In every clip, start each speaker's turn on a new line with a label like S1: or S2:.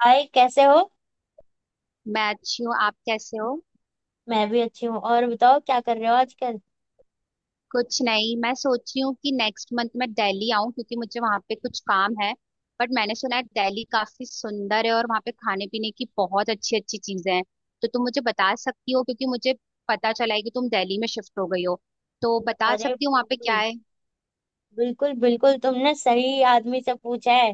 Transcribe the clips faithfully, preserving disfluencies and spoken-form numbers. S1: हाय कैसे हो।
S2: मैं अच्छी हूँ। आप कैसे हो।
S1: मैं भी अच्छी हूँ। और बताओ क्या कर रहे हो आजकल।
S2: कुछ नहीं। मैं सोच रही हूँ कि नेक्स्ट मंथ मैं दिल्ली आऊँ क्योंकि मुझे वहाँ पे कुछ काम है। बट मैंने सुना है दिल्ली काफी सुंदर है और वहाँ पे खाने पीने की बहुत अच्छी अच्छी चीजें हैं। तो तुम मुझे
S1: अ-
S2: बता सकती हो क्योंकि मुझे पता चला है कि तुम दिल्ली में शिफ्ट हो गई हो। तो बता
S1: अरे
S2: सकती हो वहाँ पे क्या
S1: बिल्कुल।
S2: है।
S1: बिल्कुल बिल्कुल, तुमने सही आदमी से पूछा है।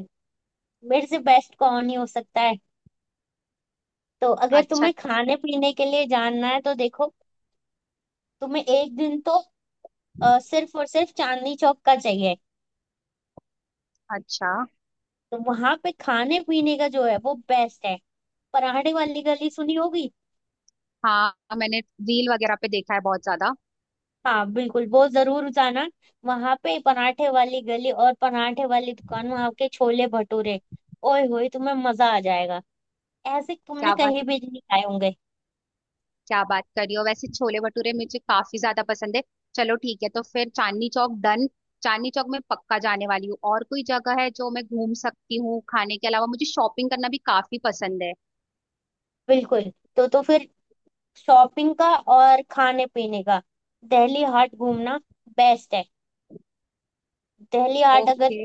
S1: मेरे से बेस्ट कौन ही हो सकता है। तो अगर
S2: अच्छा।
S1: तुम्हें खाने पीने के लिए जानना है तो देखो, तुम्हें एक दिन तो अ, सिर्फ और सिर्फ चांदनी चौक का चाहिए।
S2: अच्छा।
S1: तो वहां पे खाने पीने का जो है वो बेस्ट है। पराठे वाली गली सुनी होगी।
S2: हाँ, मैंने रील वगैरह पे देखा है बहुत ज्यादा।
S1: हाँ बिल्कुल, वो जरूर जाना। वहां पे पराठे वाली गली और पराठे वाली दुकान, वहां के छोले भटूरे, ओए होए तुम्हें मजा आ जाएगा। ऐसे तुमने
S2: क्या?
S1: कहीं भी नहीं खाए होंगे।
S2: क्या बात कर रही हो! वैसे छोले भटूरे मुझे काफी ज्यादा पसंद है। चलो ठीक है। तो फिर चांदनी चौक डन। चांदनी चौक में पक्का जाने वाली हूँ। और कोई जगह है जो मैं घूम सकती हूँ? खाने के अलावा मुझे शॉपिंग करना भी काफी पसंद है।
S1: बिल्कुल। तो तो फिर शॉपिंग का और खाने पीने का दिल्ली हाट घूमना बेस्ट है। दिल्ली हाट अगर
S2: ओके।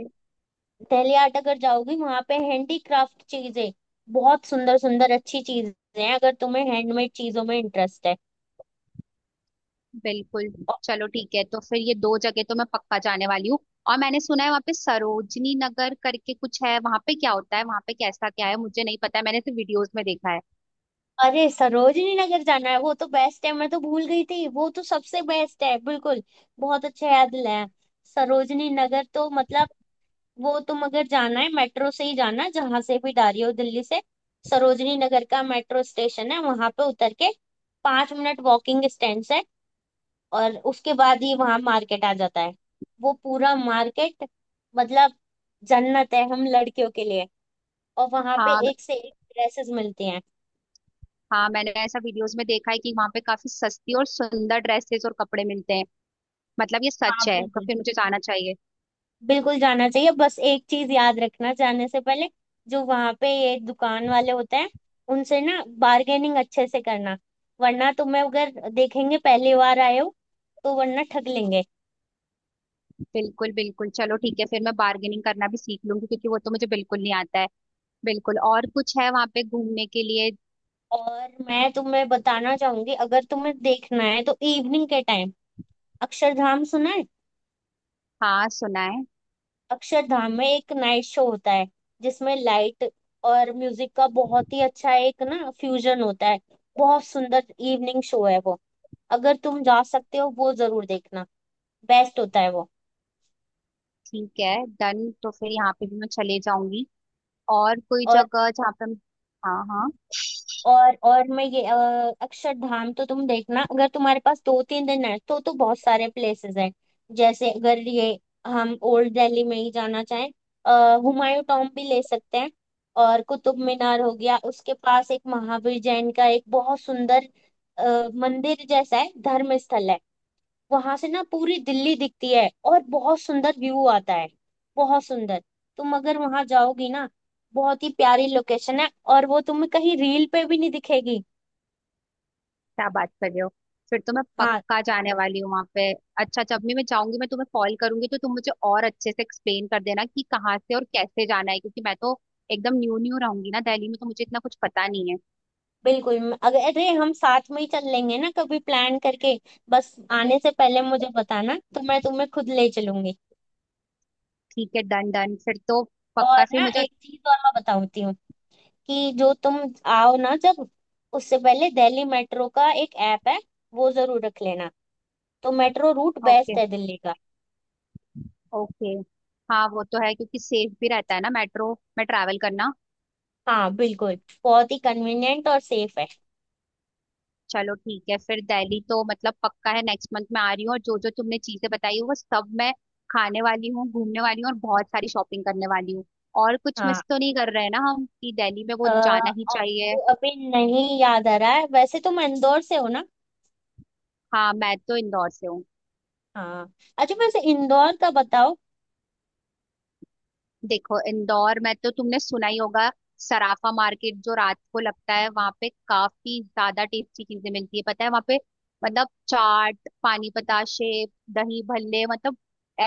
S1: दिल्ली हाट अगर जाओगी वहां पे हैंडीक्राफ्ट चीजें, बहुत सुंदर सुंदर अच्छी चीजें हैं, अगर तुम्हें हैंडमेड चीजों में इंटरेस्ट है।
S2: बिल्कुल। चलो ठीक है। तो फिर ये दो जगह तो मैं पक्का जाने वाली हूँ। और मैंने सुना है वहाँ पे सरोजनी नगर करके कुछ है। वहाँ पे क्या होता है, वहाँ पे कैसा क्या है मुझे नहीं पता है। मैंने तो वीडियोस में देखा है।
S1: अरे सरोजनी नगर जाना है, वो तो बेस्ट है, मैं तो भूल गई थी, वो तो सबसे बेस्ट है बिल्कुल। बहुत अच्छा याद दिलाया। सरोजनी नगर तो मतलब वो, तुम अगर जाना है मेट्रो से ही जाना, जहां से भी जा रही हो दिल्ली से। सरोजनी नगर का मेट्रो स्टेशन है, वहां पे उतर के पांच मिनट वॉकिंग डिस्टेंस है। और उसके बाद ही वहां मार्केट आ जाता है। वो पूरा मार्केट मतलब जन्नत है हम लड़कियों के लिए। और वहां पे
S2: हाँ,
S1: एक से एक ड्रेसेस मिलती हैं।
S2: हाँ, मैंने ऐसा वीडियोस में देखा है कि वहाँ पे काफी सस्ती और सुंदर ड्रेसेस और कपड़े मिलते हैं। मतलब ये सच
S1: हाँ
S2: है? तो
S1: बिल्कुल,
S2: फिर मुझे जाना चाहिए।
S1: बिल्कुल जाना चाहिए। बस एक चीज याद रखना जाने से पहले, जो वहां पे ये दुकान वाले होते हैं, उनसे ना बार्गेनिंग अच्छे से करना। वरना तुम्हें अगर देखेंगे पहली बार आए हो तो वरना ठग लेंगे।
S2: बिल्कुल। बिल्कुल। चलो ठीक है। फिर मैं बार्गेनिंग करना भी सीख लूंगी क्योंकि वो तो मुझे बिल्कुल नहीं आता है। बिल्कुल। और कुछ है वहाँ पे घूमने के लिए?
S1: और मैं तुम्हें बताना चाहूंगी, अगर तुम्हें देखना है तो इवनिंग के टाइम अक्षरधाम सुना है।
S2: हाँ, सुना है।
S1: अक्षरधाम में एक नाइट शो होता है जिसमें लाइट और म्यूजिक का बहुत ही अच्छा एक ना फ्यूजन होता है। बहुत सुंदर इवनिंग शो है वो। अगर तुम जा सकते हो वो जरूर देखना। बेस्ट होता है वो।
S2: ठीक है डन। तो फिर यहाँ पे भी मैं चले जाऊंगी। और कोई
S1: और
S2: जगह जहाँ पे हम- हाँ, हाँ।
S1: और और मैं ये अ, अक्षरधाम तो तुम देखना। अगर तुम्हारे पास दो तीन दिन है तो तो बहुत सारे प्लेसेस हैं। जैसे अगर ये हम ओल्ड दिल्ली में ही जाना चाहें, अ, हुमायूं टॉम भी ले सकते हैं। और कुतुब मीनार हो गया, उसके पास एक महावीर जैन का एक बहुत सुंदर अ, मंदिर जैसा है, धर्म स्थल है। वहां से ना पूरी दिल्ली दिखती है और बहुत सुंदर व्यू आता है। बहुत सुंदर। तुम अगर वहां जाओगी ना, बहुत ही प्यारी लोकेशन है। और वो तुम्हें कहीं रील पे भी नहीं दिखेगी।
S2: क्या बात कर रहे हो! फिर तो मैं
S1: हाँ
S2: पक्का जाने वाली हूँ वहाँ पे। अच्छा, जब भी मैं जाऊंगी मैं तुम्हें कॉल करूंगी तो तुम मुझे और अच्छे से एक्सप्लेन कर देना कि कहाँ से और कैसे जाना है क्योंकि मैं तो एकदम न्यू न्यू रहूंगी ना दिल्ली में। तो मुझे इतना कुछ पता नहीं है।
S1: बिल्कुल। म- अगर अरे हम साथ में ही चल लेंगे ना कभी प्लान करके। बस आने से पहले मुझे बताना तो मैं तुम्हें खुद ले चलूंगी।
S2: ठीक है। Done done. फिर तो
S1: और
S2: पक्का फिर
S1: ना
S2: मुझे।
S1: एक चीज और मैं बताती हूँ कि जो तुम आओ ना जब, उससे पहले दिल्ली मेट्रो का एक ऐप है, वो जरूर रख लेना। तो मेट्रो रूट
S2: ओके।
S1: बेस्ट है दिल्ली का।
S2: ओके। हाँ, वो तो है क्योंकि सेफ भी रहता है ना मेट्रो में ट्रैवल करना।
S1: हाँ बिल्कुल, बहुत ही कन्वीनियंट और सेफ है।
S2: चलो ठीक है। फिर दिल्ली तो मतलब पक्का है, नेक्स्ट मंथ में आ रही हूँ। और जो जो तुमने चीजें बताई है वो सब मैं खाने वाली हूँ, घूमने वाली हूँ और बहुत सारी शॉपिंग करने वाली हूँ। और कुछ
S1: हाँ।
S2: मिस तो नहीं कर रहे हैं ना हम कि दिल्ली में
S1: अ,
S2: वो जाना ही
S1: और
S2: चाहिए?
S1: अभी नहीं याद आ रहा है। वैसे तुम इंदौर से हो ना।
S2: हाँ, मैं तो इंदौर से हूँ।
S1: हाँ। अच्छा वैसे इंदौर का बताओ।
S2: देखो इंदौर में तो तुमने सुना ही होगा। सराफा मार्केट जो रात को लगता है वहां पे काफी ज्यादा टेस्टी चीजें मिलती है, पता है वहां पे। मतलब चाट, पानी बताशे, दही भल्ले, मतलब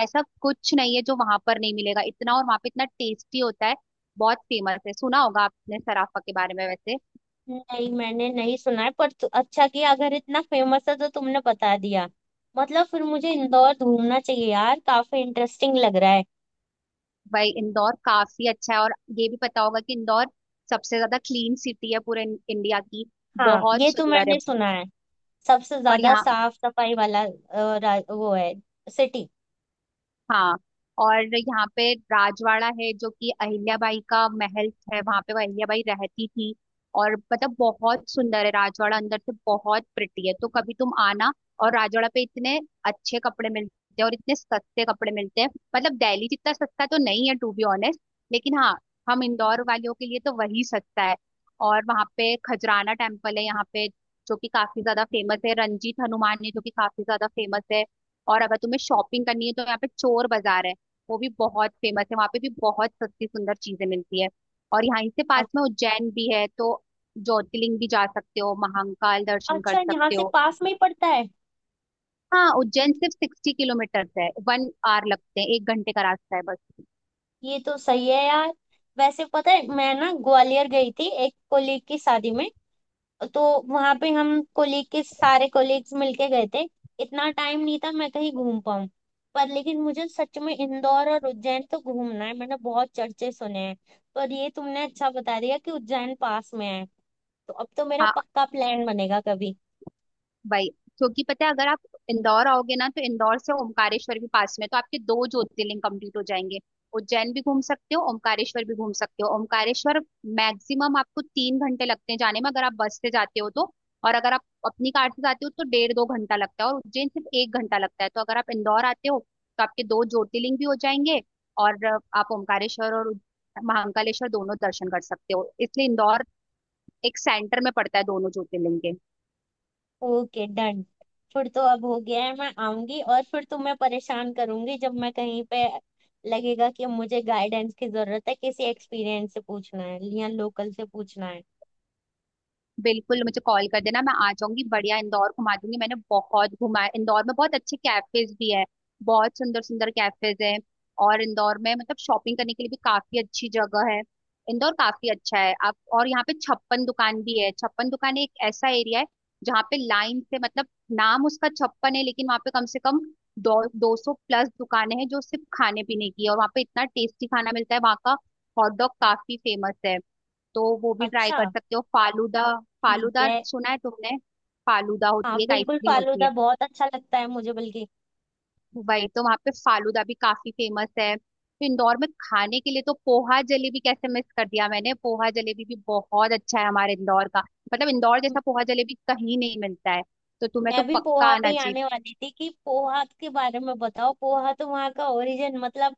S2: ऐसा कुछ नहीं है जो वहां पर नहीं मिलेगा इतना। और वहां पे इतना टेस्टी होता है। बहुत फेमस है। सुना होगा आपने सराफा के बारे में वैसे।
S1: नहीं मैंने नहीं सुना है पर तु- अच्छा किया, अगर इतना फेमस है तो तुमने बता दिया। मतलब फिर मुझे इंदौर घूमना चाहिए यार, काफी इंटरेस्टिंग लग रहा है।
S2: भाई इंदौर काफी अच्छा है। और ये भी पता होगा कि इंदौर सबसे ज्यादा क्लीन सिटी है पूरे इन- इंडिया की।
S1: हाँ
S2: बहुत
S1: ये तो
S2: सुंदर है।
S1: मैंने सुना है। सबसे
S2: और
S1: ज्यादा
S2: यहाँ।
S1: साफ सफाई वाला अ, रा- वो है सिटी।
S2: हाँ। और यहाँ पे राजवाड़ा है जो कि अहिल्याबाई का महल है। वहां पे वो अहिल्याबाई रहती थी। और मतलब बहुत सुंदर है राजवाड़ा, अंदर से बहुत प्रिटी है तो कभी तुम आना। और राजवाड़ा पे इतने अच्छे कपड़े मिलते हैं और इतने सस्ते कपड़े मिलते हैं। मतलब दिल्ली जितना सस्ता तो नहीं है टू बी ऑनेस्ट। लेकिन हाँ, हम इंदौर वालों के लिए तो वही सस्ता है। और वहाँ पे खजराना टेम्पल है यहाँ पे जो कि काफी ज्यादा फेमस है। रंजीत हनुमान है जो कि काफी ज्यादा फेमस है। और अगर तुम्हें शॉपिंग करनी है तो यहाँ पे चोर बाजार है। वो भी बहुत फेमस है। वहाँ पे भी बहुत सस्ती सुंदर चीजें मिलती है। और यहाँ इससे पास में उज्जैन भी है तो ज्योतिर्लिंग भी जा सकते हो, महाकाल दर्शन कर
S1: अच्छा यहाँ
S2: सकते
S1: से
S2: हो।
S1: पास में ही पड़ता है।
S2: हाँ,
S1: ये
S2: उज्जैन सिर्फ सिक्सटी किलोमीटर है। वन आवर लगते हैं, एक घंटे का रास्ता है बस।
S1: ये तो सही है यार। वैसे पता है मैं ना ग्वालियर गई थी एक कोलीग की शादी में। तो वहां पे हम कोलीग के सारे कोलीग्स मिलके गए थे। इतना टाइम नहीं था मैं कहीं घूम पाऊँ। पर लेकिन मुझे सच में इंदौर और उज्जैन तो घूमना है, मैंने बहुत चर्चे सुने हैं। पर ये तुमने अच्छा बता दिया कि उज्जैन पास में है। तो अब तो मेरा
S2: हाँ,
S1: पक्का प्लान बनेगा कभी।
S2: वही। क्योंकि पता है अगर आप इंदौर आओगे ना तो इंदौर से ओमकारेश्वर भी पास में है, तो आपके दो ज्योतिर्लिंग कंप्लीट हो जाएंगे। उज्जैन भी घूम सकते हो, ओमकारेश्वर भी घूम सकते हो। ओमकारेश्वर मैक्सिमम आपको तीन घंटे लगते हैं जाने में अगर आप बस से जाते हो तो। और अगर आप अपनी कार से जाते हो तो डेढ़ दो घंटा लगता है। और उज्जैन सिर्फ एक घंटा लगता है। तो अगर आप इंदौर आते हो तो आपके दो ज्योतिर्लिंग भी हो जाएंगे। और आप ओमकारेश्वर और महाकालेश्वर दोनों दर्शन कर सकते हो। इसलिए इंदौर एक सेंटर में पड़ता है दोनों ज्योतिर्लिंग के।
S1: Okay done. फिर तो अब हो गया है। मैं आऊंगी और फिर तुम्हें परेशान करूंगी जब मैं कहीं पे लगेगा कि अब मुझे गाइडेंस की जरूरत है, किसी एक्सपीरियंस से पूछना है या लोकल से पूछना है।
S2: बिल्कुल, मुझे कॉल कर देना। मैं आ जाऊंगी, बढ़िया इंदौर घुमा दूंगी। मैंने बहुत घुमा इंदौर में। बहुत अच्छे कैफेज भी है। बहुत सुंदर सुंदर कैफेज हैं। और इंदौर में मतलब शॉपिंग करने के लिए भी काफी अच्छी जगह है। इंदौर काफी अच्छा है आप। और यहाँ पे छप्पन दुकान भी है। छप्पन दुकान एक ऐसा एरिया है जहाँ पे लाइन से, मतलब नाम उसका छप्पन है लेकिन वहाँ पे कम से कम दो दो सौ प्लस दुकानें हैं जो सिर्फ खाने पीने की है। और वहाँ पे इतना टेस्टी खाना मिलता है। वहाँ का हॉट डॉग काफी फेमस है। तो वो भी ट्राई
S1: अच्छा।
S2: कर सकते हो, फालूदा।
S1: ठीक
S2: फालूदा
S1: है।
S2: सुना है तुमने? फालूदा होती
S1: हाँ
S2: है, एक
S1: बिल्कुल,
S2: आइसक्रीम होती
S1: फालूदा
S2: है।
S1: बहुत अच्छा लगता है मुझे बल्कि।
S2: वही तो, वहाँ पे फालूदा भी काफी फेमस है। तो इंदौर में खाने के लिए तो पोहा जलेबी कैसे मिस कर दिया मैंने? पोहा जलेबी भी बहुत अच्छा है हमारे इंदौर का। मतलब इंदौर
S1: म-
S2: जैसा पोहा जलेबी कहीं नहीं मिलता है। तो तुम्हें तो
S1: मैं भी
S2: पक्का
S1: पोहा पे
S2: आना
S1: ही
S2: चाहिए।
S1: आने वाली थी कि पोहा के बारे में बताओ। पोहा तो वहाँ का ओरिजिन मतलब,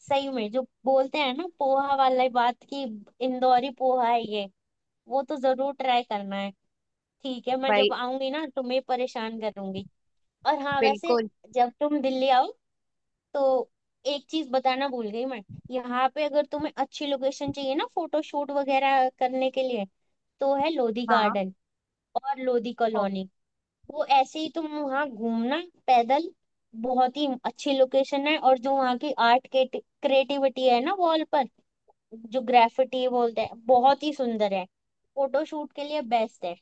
S1: सही में जो बोलते हैं ना पोहा वाला बात की, इंदौरी पोहा है ये। वो तो जरूर ट्राई करना है। ठीक है मैं जब
S2: भाई।
S1: आऊंगी ना तुम्हें परेशान करूंगी। और हाँ वैसे
S2: बिल्कुल।
S1: जब तुम दिल्ली आओ तो एक चीज बताना भूल गई मैं। यहाँ पे अगर तुम्हें अच्छी लोकेशन चाहिए ना फोटो शूट वगैरह करने के लिए तो है लोधी
S2: हाँ।
S1: गार्डन और लोधी कॉलोनी। वो ऐसे ही तुम वहाँ घूमना पैदल, बहुत ही अच्छी लोकेशन है। और जो वहाँ की आर्ट के क्रिएटिविटी है ना वॉल पर, जो ग्राफिटी बोलते हैं, बहुत ही सुंदर है। फोटो शूट के लिए बेस्ट है।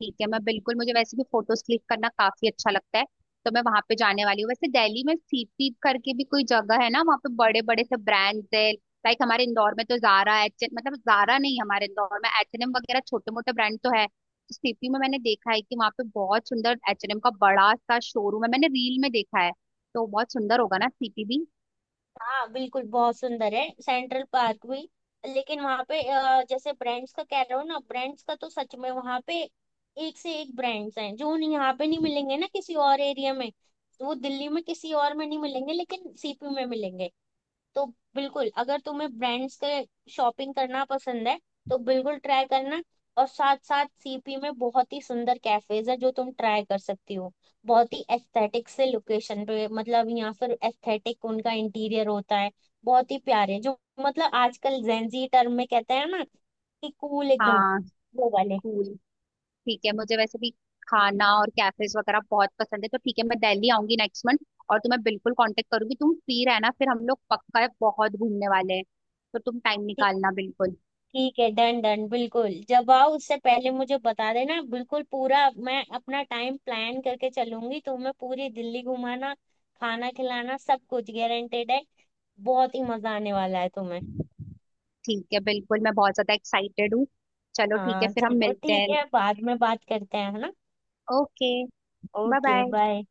S2: ठीक है। मैं बिल्कुल, मुझे वैसे भी फोटोज क्लिक करना काफी अच्छा लगता है। तो मैं वहां पे जाने वाली हूँ। वैसे दिल्ली में सी पी करके भी कोई जगह है ना, वहाँ पे बड़े बड़े से ब्रांड्स है लाइक हमारे इंदौर में तो जारा एच एन, मतलब जारा नहीं, हमारे इंदौर में एच एन एम वगैरह छोटे मोटे ब्रांड तो है। तो सी पी में मैंने देखा है कि वहाँ पे बहुत सुंदर एच एन एम का बड़ा सा शोरूम है। मैंने रील में देखा है। तो बहुत सुंदर होगा ना सी पी भी।
S1: हाँ बिल्कुल, बहुत सुंदर है सेंट्रल पार्क भी। लेकिन वहाँ पे अ, जैसे ब्रांड्स का कह रहे हो ना, ब्रांड्स का तो सच में वहाँ पे एक से एक ब्रांड्स हैं जो उन्हें यहाँ पे नहीं मिलेंगे ना किसी और एरिया में। तो वो दिल्ली में किसी और में नहीं मिलेंगे लेकिन सी पी में मिलेंगे। तो बिल्कुल अगर तुम्हें ब्रांड्स के शॉपिंग करना पसंद है तो बिल्कुल ट्राई करना। और साथ साथ सी पी में बहुत ही सुंदर कैफेज है जो तुम ट्राई कर सकती हो। बहुत ही एस्थेटिक से लोकेशन पे, मतलब यहाँ पर एस्थेटिक उनका इंटीरियर होता है। बहुत ही प्यारे जो, मतलब आजकल जेंजी टर्म में कहते हैं ना कि कूल एकदम
S2: हाँ।
S1: वो वाले।
S2: स्कूल। ठीक है। मुझे वैसे भी खाना और कैफेज वगैरह बहुत पसंद है। तो ठीक है, मैं दिल्ली आऊंगी नेक्स्ट मंथ। और तुम्हें बिल्कुल कांटेक्ट करूंगी। तुम फ्री रहना, फिर हम लोग पक्का बहुत घूमने वाले हैं। तो तुम टाइम निकालना बिल्कुल।
S1: ठीक है डन डन। बिल्कुल जब आओ उससे पहले मुझे बता देना बिल्कुल पूरा। मैं अपना टाइम प्लान करके चलूंगी। तुम्हें पूरी दिल्ली घुमाना, खाना खिलाना सब कुछ गारंटेड है। बहुत ही मजा आने वाला है तुम्हें।
S2: ठीक है, बिल्कुल। मैं बहुत ज्यादा एक्साइटेड हूँ। चलो ठीक है,
S1: हाँ
S2: फिर हम
S1: चलो
S2: मिलते
S1: ठीक
S2: हैं।
S1: है, बाद में बात करते हैं है ना।
S2: Okay. Bye
S1: okay
S2: bye.
S1: Bye.